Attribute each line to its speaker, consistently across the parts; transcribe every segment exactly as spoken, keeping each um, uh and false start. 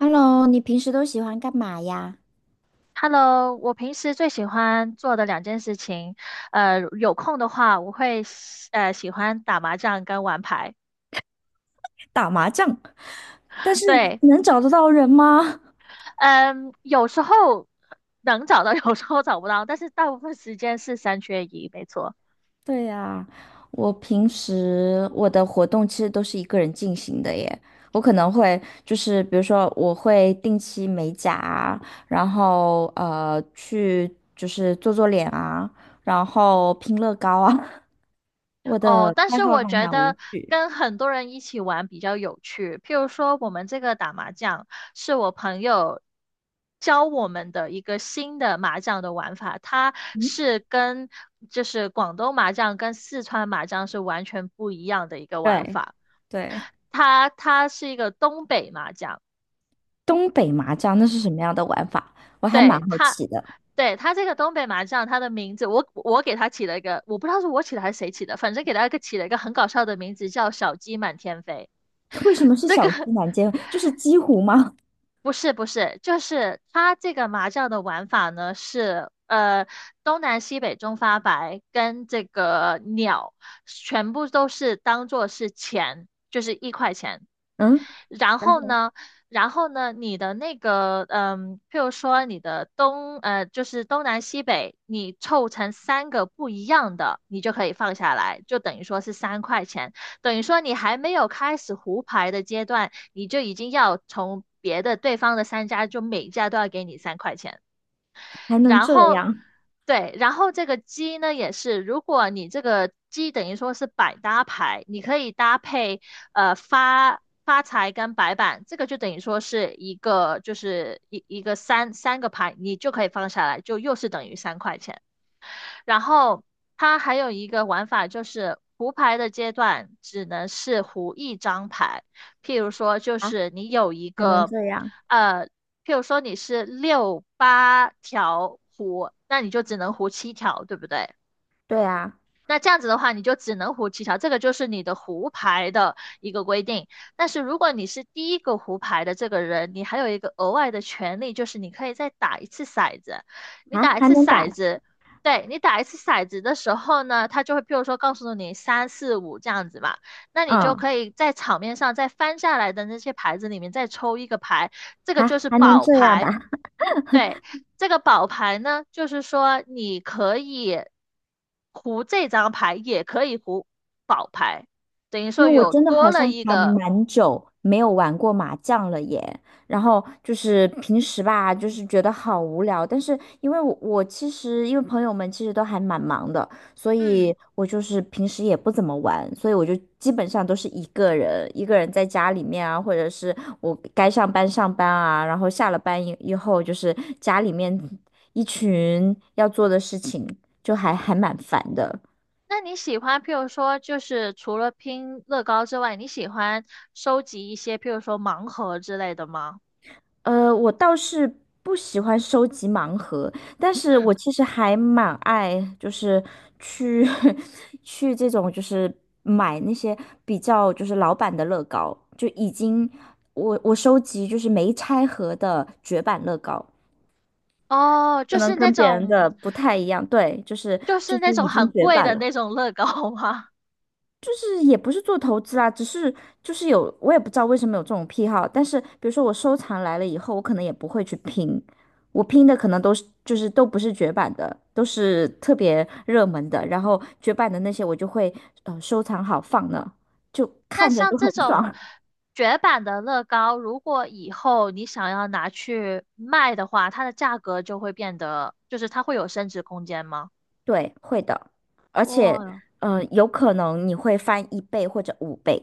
Speaker 1: Hello，你平时都喜欢干嘛呀？
Speaker 2: Hello，我平时最喜欢做的两件事情，呃，有空的话，我会喜呃喜欢打麻将跟玩牌。
Speaker 1: 打麻将，但是
Speaker 2: 对，
Speaker 1: 能找得到人吗？
Speaker 2: 嗯，有时候能找到，有时候找不到，但是大部分时间是三缺一，没错。
Speaker 1: 对呀，我平时我的活动其实都是一个人进行的耶。我可能会就是比如说我会定期美甲啊，然后呃去就是做做脸啊，然后拼乐高啊。我
Speaker 2: 哦，
Speaker 1: 的
Speaker 2: 但
Speaker 1: 爱
Speaker 2: 是
Speaker 1: 好
Speaker 2: 我
Speaker 1: 还
Speaker 2: 觉
Speaker 1: 蛮无
Speaker 2: 得
Speaker 1: 趣。
Speaker 2: 跟很多人一起玩比较有趣。譬如说，我们这个打麻将是我朋友教我们的一个新的麻将的玩法，它
Speaker 1: 嗯，
Speaker 2: 是跟就是广东麻将跟四川麻将是完全不一样的一个玩
Speaker 1: 对
Speaker 2: 法。
Speaker 1: 对，
Speaker 2: 它它是一个东北麻将，
Speaker 1: 东北麻将那是什么样的玩法？我还蛮
Speaker 2: 对
Speaker 1: 好
Speaker 2: 它。
Speaker 1: 奇的。
Speaker 2: 对，它这个东北麻将，它的名字我我给它起了一个，我不知道是我起的还是谁起的，反正给它一个起了一个很搞笑的名字，叫“小鸡满天飞”。
Speaker 1: 为什么是
Speaker 2: 这个
Speaker 1: 小鸡南煎？就是鸡糊吗？
Speaker 2: 不是不是，就是它这个麻将的玩法呢是，呃，东南西北中发白跟这个鸟全部都是当做是钱，就是一块钱。
Speaker 1: 嗯
Speaker 2: 然
Speaker 1: 然
Speaker 2: 后
Speaker 1: 后
Speaker 2: 呢，然后呢，你的那个，嗯，譬如说你的东，呃，就是东南西北，你凑成三个不一样的，你就可以放下来，就等于说是三块钱，等于说你还没有开始胡牌的阶段，你就已经要从别的对方的三家，就每家都要给你三块钱。
Speaker 1: 还能
Speaker 2: 然
Speaker 1: 这
Speaker 2: 后
Speaker 1: 样
Speaker 2: 对，然后这个鸡呢也是，如果你这个鸡等于说是百搭牌，你可以搭配呃发发财跟白板，这个就等于说是一个就是一一个三三个牌，你就可以放下来，就又是等于三块钱。然后它还有一个玩法就是胡牌的阶段只能是胡一张牌，譬如说就
Speaker 1: 啊？
Speaker 2: 是你有一
Speaker 1: 还能
Speaker 2: 个
Speaker 1: 这样？
Speaker 2: 呃，譬如说你是六八条胡，那你就只能胡七条，对不对？
Speaker 1: 对啊，
Speaker 2: 那这样子的话，你就只能胡七条，这个就是你的胡牌的一个规定。但是如果你是第一个胡牌的这个人，你还有一个额外的权利，就是你可以再打一次骰子。你
Speaker 1: 啊，
Speaker 2: 打一
Speaker 1: 还
Speaker 2: 次
Speaker 1: 能
Speaker 2: 骰
Speaker 1: 打，
Speaker 2: 子，对，你打一次骰子的时候呢，他就会，譬如说告诉你三四五这样子嘛，那你就
Speaker 1: 嗯，
Speaker 2: 可以在场面上再翻下来的那些牌子里面再抽一个牌，这个
Speaker 1: 啊，
Speaker 2: 就是
Speaker 1: 还能
Speaker 2: 宝
Speaker 1: 这样
Speaker 2: 牌。
Speaker 1: 打。
Speaker 2: 对，这个宝牌呢，就是说你可以胡这张牌，也可以胡宝牌，等于
Speaker 1: 因
Speaker 2: 说
Speaker 1: 为我
Speaker 2: 有
Speaker 1: 真的
Speaker 2: 多
Speaker 1: 好
Speaker 2: 了
Speaker 1: 像
Speaker 2: 一
Speaker 1: 还
Speaker 2: 个。
Speaker 1: 蛮久没有玩过麻将了耶，然后就是平时吧，就是觉得好无聊，但是因为我我其实因为朋友们其实都还蛮忙的，所
Speaker 2: 嗯，
Speaker 1: 以我就是平时也不怎么玩，所以我就基本上都是一个人，一个人在家里面啊，或者是我该上班上班啊，然后下了班以以后就是家里面一群要做的事情，就还还蛮烦的。
Speaker 2: 那你喜欢，譬如说，就是除了拼乐高之外，你喜欢收集一些，譬如说盲盒之类的吗？
Speaker 1: 呃，我倒是不喜欢收集盲盒，但是
Speaker 2: 嗯，
Speaker 1: 我其实还蛮爱，就是去 去这种，就是买那些比较就是老版的乐高，就已经我我收集就是没拆盒的绝版乐高，
Speaker 2: 哦，
Speaker 1: 可
Speaker 2: 就
Speaker 1: 能
Speaker 2: 是那
Speaker 1: 跟别人
Speaker 2: 种，
Speaker 1: 的不太一样，对，就是
Speaker 2: 就
Speaker 1: 就
Speaker 2: 是
Speaker 1: 是
Speaker 2: 那种
Speaker 1: 已
Speaker 2: 很
Speaker 1: 经绝
Speaker 2: 贵
Speaker 1: 版
Speaker 2: 的
Speaker 1: 了。
Speaker 2: 那种乐高吗？
Speaker 1: 就是也不是做投资啦，只是就是有，我也不知道为什么有这种癖好。但是比如说我收藏来了以后，我可能也不会去拼，我拼的可能都是就是都不是绝版的，都是特别热门的。然后绝版的那些我就会呃收藏好放那，就
Speaker 2: 那
Speaker 1: 看着
Speaker 2: 像
Speaker 1: 就
Speaker 2: 这
Speaker 1: 很
Speaker 2: 种
Speaker 1: 爽。
Speaker 2: 绝版的乐高，如果以后你想要拿去卖的话，它的价格就会变得，就是它会有升值空间吗？
Speaker 1: 对，会的，而且
Speaker 2: 哇
Speaker 1: 呃有可能你会翻一倍或者五倍。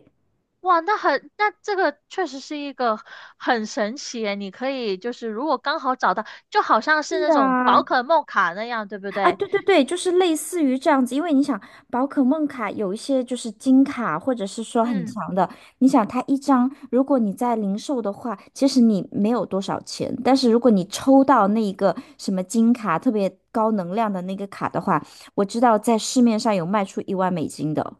Speaker 2: 哇，那很，那这个确实是一个很神奇耶你可以就是如果刚好找到，就好像
Speaker 1: 是
Speaker 2: 是那种宝
Speaker 1: 啊，
Speaker 2: 可梦卡那样，对不
Speaker 1: 啊，
Speaker 2: 对？
Speaker 1: 对对对，就是类似于这样子，因为你想，宝可梦卡有一些就是金卡，或者是说很
Speaker 2: 嗯，
Speaker 1: 强的，你想它一张，如果你在零售的话，其实你没有多少钱，但是如果你抽到那一个什么金卡，特别高能量的那个卡的话，我知道在市面上有卖出一万美金的，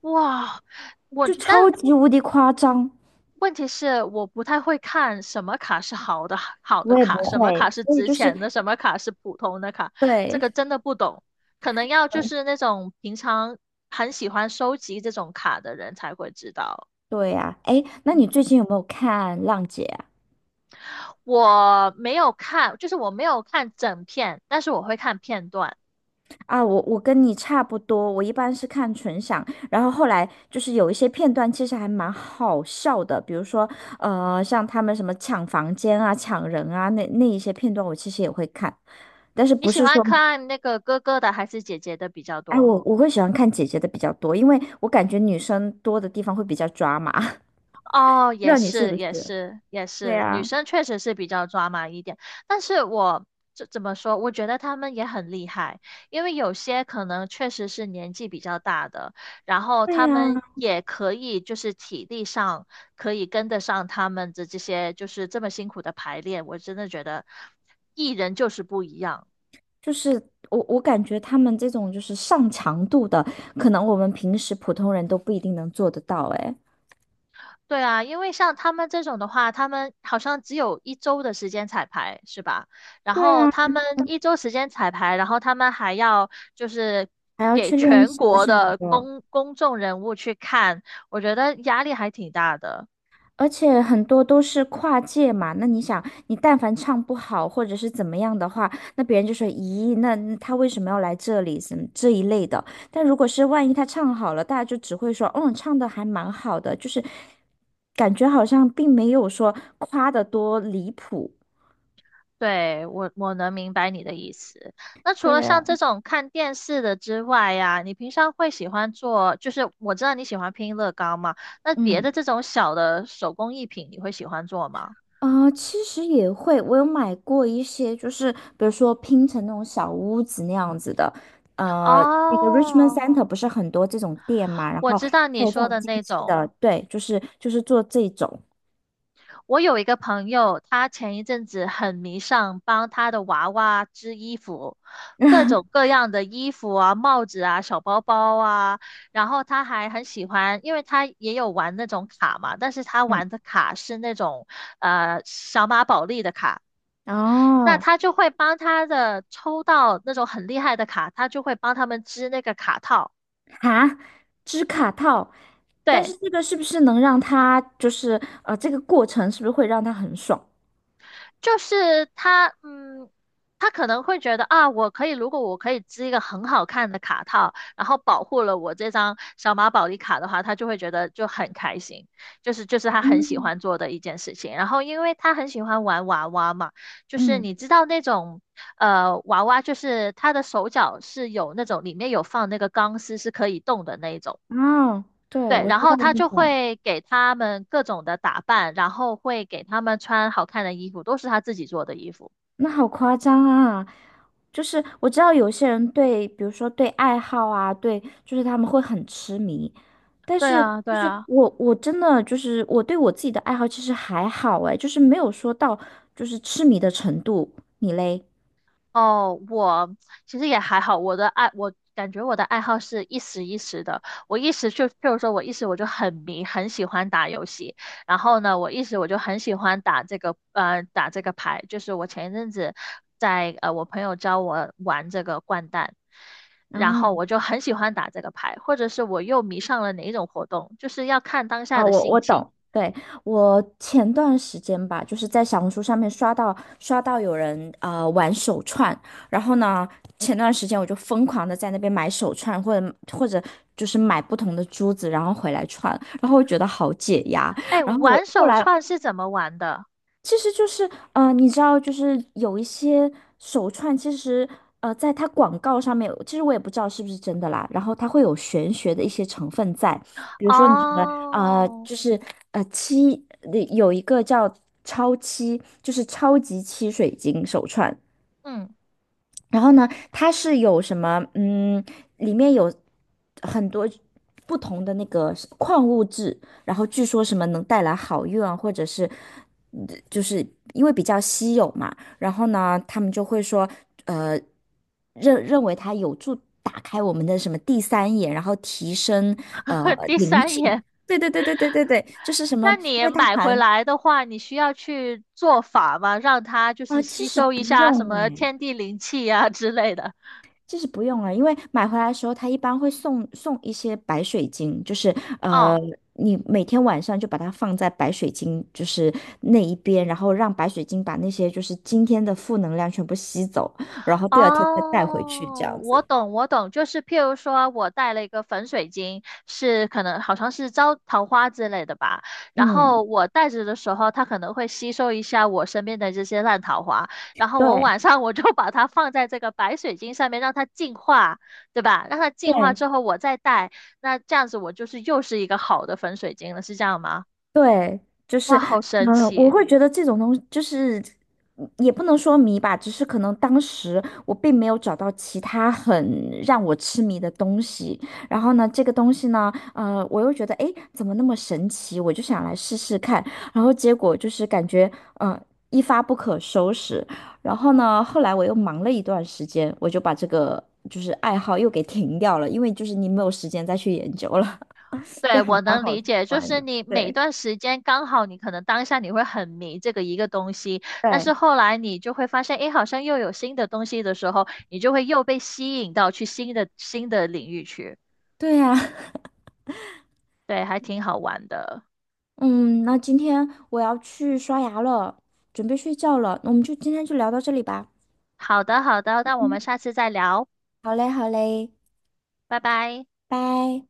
Speaker 2: 哇，我
Speaker 1: 就超
Speaker 2: 但
Speaker 1: 级无敌夸张。
Speaker 2: 问题是我不太会看什么卡是好的好的
Speaker 1: 我也不
Speaker 2: 卡，什么
Speaker 1: 会，
Speaker 2: 卡是
Speaker 1: 所以
Speaker 2: 值
Speaker 1: 就是
Speaker 2: 钱的，什么卡是普通的卡，这
Speaker 1: 对，
Speaker 2: 个真的不懂。可能要就是那种平常很喜欢收集这种卡的人才会知道。
Speaker 1: 对呀，哎，那你
Speaker 2: 嗯，
Speaker 1: 最近有没有看《浪姐》啊？
Speaker 2: 我没有看，就是我没有看整片，但是我会看片段。
Speaker 1: 啊，我我跟你差不多，我一般是看纯享，然后后来就是有一些片段其实还蛮好笑的，比如说呃，像他们什么抢房间啊、抢人啊，那那一些片段我其实也会看，但是
Speaker 2: 你
Speaker 1: 不
Speaker 2: 喜
Speaker 1: 是
Speaker 2: 欢
Speaker 1: 说，
Speaker 2: 看那个哥哥的还是姐姐的比较
Speaker 1: 哎，
Speaker 2: 多？
Speaker 1: 我我会喜欢看姐姐的比较多，因为我感觉女生多的地方会比较抓马，不
Speaker 2: 哦，
Speaker 1: 知
Speaker 2: 也
Speaker 1: 道你是
Speaker 2: 是，
Speaker 1: 不
Speaker 2: 也
Speaker 1: 是？
Speaker 2: 是，也
Speaker 1: 对
Speaker 2: 是，女
Speaker 1: 呀，
Speaker 2: 生确实是比较抓马一点，但是我这怎么说？我觉得她们也很厉害，因为有些可能确实是年纪比较大的，然后
Speaker 1: 对
Speaker 2: 她
Speaker 1: 呀，
Speaker 2: 们也可以就是体力上可以跟得上他们的这些就是这么辛苦的排练，我真的觉得艺人就是不一样。
Speaker 1: 就是我我感觉他们这种就是上强度的，可能我们平时普通人都不一定能做得到，哎。
Speaker 2: 对啊，因为像他们这种的话，他们好像只有一周的时间彩排，是吧？然
Speaker 1: 对
Speaker 2: 后
Speaker 1: 啊，
Speaker 2: 他们一周时间彩排，然后他们还要就是
Speaker 1: 还要
Speaker 2: 给
Speaker 1: 去练
Speaker 2: 全
Speaker 1: 习
Speaker 2: 国
Speaker 1: 什么
Speaker 2: 的
Speaker 1: 的，
Speaker 2: 公公众人物去看，我觉得压力还挺大的。
Speaker 1: 而且很多都是跨界嘛。那你想，你但凡唱不好或者是怎么样的话，那别人就说：“咦，那那他为什么要来这里？”什么这一类的。但如果是万一他唱好了，大家就只会说：“嗯，唱的还蛮好的。”就是感觉好像并没有说夸的多离谱。
Speaker 2: 对，我我能明白你的意思。那除
Speaker 1: 对
Speaker 2: 了
Speaker 1: 啊，
Speaker 2: 像这种看电视的之外呀，你平常会喜欢做，就是我知道你喜欢拼乐高嘛，那别的
Speaker 1: 嗯。
Speaker 2: 这种小的手工艺品，你会喜欢做吗？
Speaker 1: 啊、呃其实也会，我有买过一些，就是比如说拼成那种小屋子那样子的，呃，那个 Richmond
Speaker 2: 哦，
Speaker 1: Center 不是很多这种店嘛，然
Speaker 2: 我
Speaker 1: 后
Speaker 2: 知道
Speaker 1: 还
Speaker 2: 你
Speaker 1: 有这
Speaker 2: 说
Speaker 1: 种
Speaker 2: 的
Speaker 1: 精
Speaker 2: 那
Speaker 1: 细
Speaker 2: 种。
Speaker 1: 的，对，就是就是做这种，
Speaker 2: 我有一个朋友，他前一阵子很迷上帮他的娃娃织衣服，各种 各样的衣服啊、帽子啊、小包包啊。然后他还很喜欢，因为他也有玩那种卡嘛，但是他
Speaker 1: 嗯，
Speaker 2: 玩的卡是那种呃小马宝莉的卡。那
Speaker 1: 哦，
Speaker 2: 他就会帮他的抽到那种很厉害的卡，他就会帮他们织那个卡套。
Speaker 1: 哈，织卡套，但是
Speaker 2: 对，
Speaker 1: 这个是不是能让它就是呃，这个过程是不是会让它很爽？
Speaker 2: 就是他，嗯，他可能会觉得啊，我可以，如果我可以织一个很好看的卡套，然后保护了我这张小马宝莉卡的话，他就会觉得就很开心，就是就是他很喜欢做的一件事情。然后因为他很喜欢玩娃娃嘛，就是你
Speaker 1: 嗯，
Speaker 2: 知道那种呃娃娃，就是他的手脚是有那种里面有放那个钢丝是可以动的那一种。
Speaker 1: 哦，对，
Speaker 2: 对，
Speaker 1: 我
Speaker 2: 然
Speaker 1: 知
Speaker 2: 后
Speaker 1: 道
Speaker 2: 他
Speaker 1: 那
Speaker 2: 就
Speaker 1: 种，
Speaker 2: 会给他们各种的打扮，然后会给他们穿好看的衣服，都是他自己做的衣服。
Speaker 1: 那好夸张啊！就是我知道有些人对，比如说对爱好啊，对，就是他们会很痴迷。但
Speaker 2: 对
Speaker 1: 是
Speaker 2: 啊，对
Speaker 1: 就是
Speaker 2: 啊。
Speaker 1: 我，我真的就是我对我自己的爱好其实还好哎，就是没有说到就是痴迷的程度。你嘞？
Speaker 2: 哦，我其实也还好，我的爱，我感觉我的爱好是一时一时的。我一时就，譬如说，我一时我就很迷，很喜欢打游戏。然后呢，我一时我就很喜欢打这个，呃，打这个牌。就是我前一阵子在，呃，我朋友教我玩这个掼蛋，
Speaker 1: 然
Speaker 2: 然
Speaker 1: 后。
Speaker 2: 后我就很喜欢打这个牌，或者是我又迷上了哪一种活动，就是要看当下
Speaker 1: 啊，
Speaker 2: 的
Speaker 1: 我
Speaker 2: 心
Speaker 1: 我
Speaker 2: 情。
Speaker 1: 懂，对，我前段时间吧，就是在小红书上面刷到刷到有人呃玩手串，然后呢，前段时间我就疯狂的在那边买手串，或者或者就是买不同的珠子，然后回来串，然后我觉得好解压，
Speaker 2: 哎，
Speaker 1: 然后我
Speaker 2: 玩
Speaker 1: 后
Speaker 2: 手
Speaker 1: 来
Speaker 2: 串是怎么玩的？
Speaker 1: 其实就是，呃，你知道，就是有一些手串，其实，呃，在它广告上面，其实我也不知道是不是真的啦。然后它会有玄学的一些成分在，比如说你的，呃，
Speaker 2: 哦，
Speaker 1: 就是呃七，呃有一个叫超七，就是超级七水晶手串，
Speaker 2: 嗯，
Speaker 1: 然后呢，它是有什么？嗯，里面有很多不同的那个是矿物质，然后据说什么能带来好运啊，或者是嗯就是因为比较稀有嘛，然后呢，他们就会说，呃，认认为它有助打开我们的什么第三眼，然后提升呃
Speaker 2: 第
Speaker 1: 灵
Speaker 2: 三
Speaker 1: 性。
Speaker 2: 眼。
Speaker 1: 对对对对对对对，就是什么，
Speaker 2: 那
Speaker 1: 因
Speaker 2: 你
Speaker 1: 为它
Speaker 2: 买回
Speaker 1: 含
Speaker 2: 来的话，你需要去做法吗？让它就是
Speaker 1: 啊，其
Speaker 2: 吸
Speaker 1: 实
Speaker 2: 收一
Speaker 1: 不
Speaker 2: 下什
Speaker 1: 用
Speaker 2: 么
Speaker 1: 哎。
Speaker 2: 天地灵气呀、之类的。
Speaker 1: 就是不用了，因为买回来的时候，它一般会送送一些白水晶，就是
Speaker 2: 嗯，
Speaker 1: 呃，你每天晚上就把它放在白水晶就是那一边，然后让白水晶把那些就是今天的负能量全部吸走，然后第二天再带回去这
Speaker 2: 哦，
Speaker 1: 样
Speaker 2: 我
Speaker 1: 子。
Speaker 2: 懂，我懂，就是譬如说，我带了一个粉水晶，是可能好像是招桃花之类的吧。然
Speaker 1: 嗯，
Speaker 2: 后我带着的时候，它可能会吸收一下我身边的这些烂桃花。然后我
Speaker 1: 对
Speaker 2: 晚上我就把它放在这个白水晶上面，让它净化，对吧？让它净化
Speaker 1: 对，
Speaker 2: 之后，我再带，那这样子我就是又是一个好的粉水晶了，是这样吗？
Speaker 1: 对，就是，
Speaker 2: 哇，好神
Speaker 1: 嗯，我
Speaker 2: 奇！
Speaker 1: 会觉得这种东西就是，嗯也不能说迷吧，只是可能当时我并没有找到其他很让我痴迷的东西。然后呢，这个东西呢，呃，我又觉得，诶，怎么那么神奇？我就想来试试看。然后结果就是感觉，呃，一发不可收拾。然后呢，后来我又忙了一段时间，我就把这个就是爱好又给停掉了，因为就是你没有时间再去研究了，
Speaker 2: 对，
Speaker 1: 就还
Speaker 2: 我
Speaker 1: 蛮
Speaker 2: 能
Speaker 1: 好
Speaker 2: 理解，就
Speaker 1: 玩
Speaker 2: 是
Speaker 1: 的，
Speaker 2: 你每
Speaker 1: 对。
Speaker 2: 段时间刚好，你可能当下你会很迷这个一个东西，但是
Speaker 1: 对。
Speaker 2: 后来你就会发现，诶，好像又有新的东西的时候，你就会又被吸引到去新的新的领域去。
Speaker 1: 对呀，
Speaker 2: 对，还挺好玩的。
Speaker 1: 嗯，那今天我要去刷牙了，准备睡觉了，我们就今天就聊到这里吧。
Speaker 2: 好的，好的，那我们
Speaker 1: 嗯，
Speaker 2: 下次再聊，
Speaker 1: 好嘞，好嘞，
Speaker 2: 拜拜。
Speaker 1: 拜。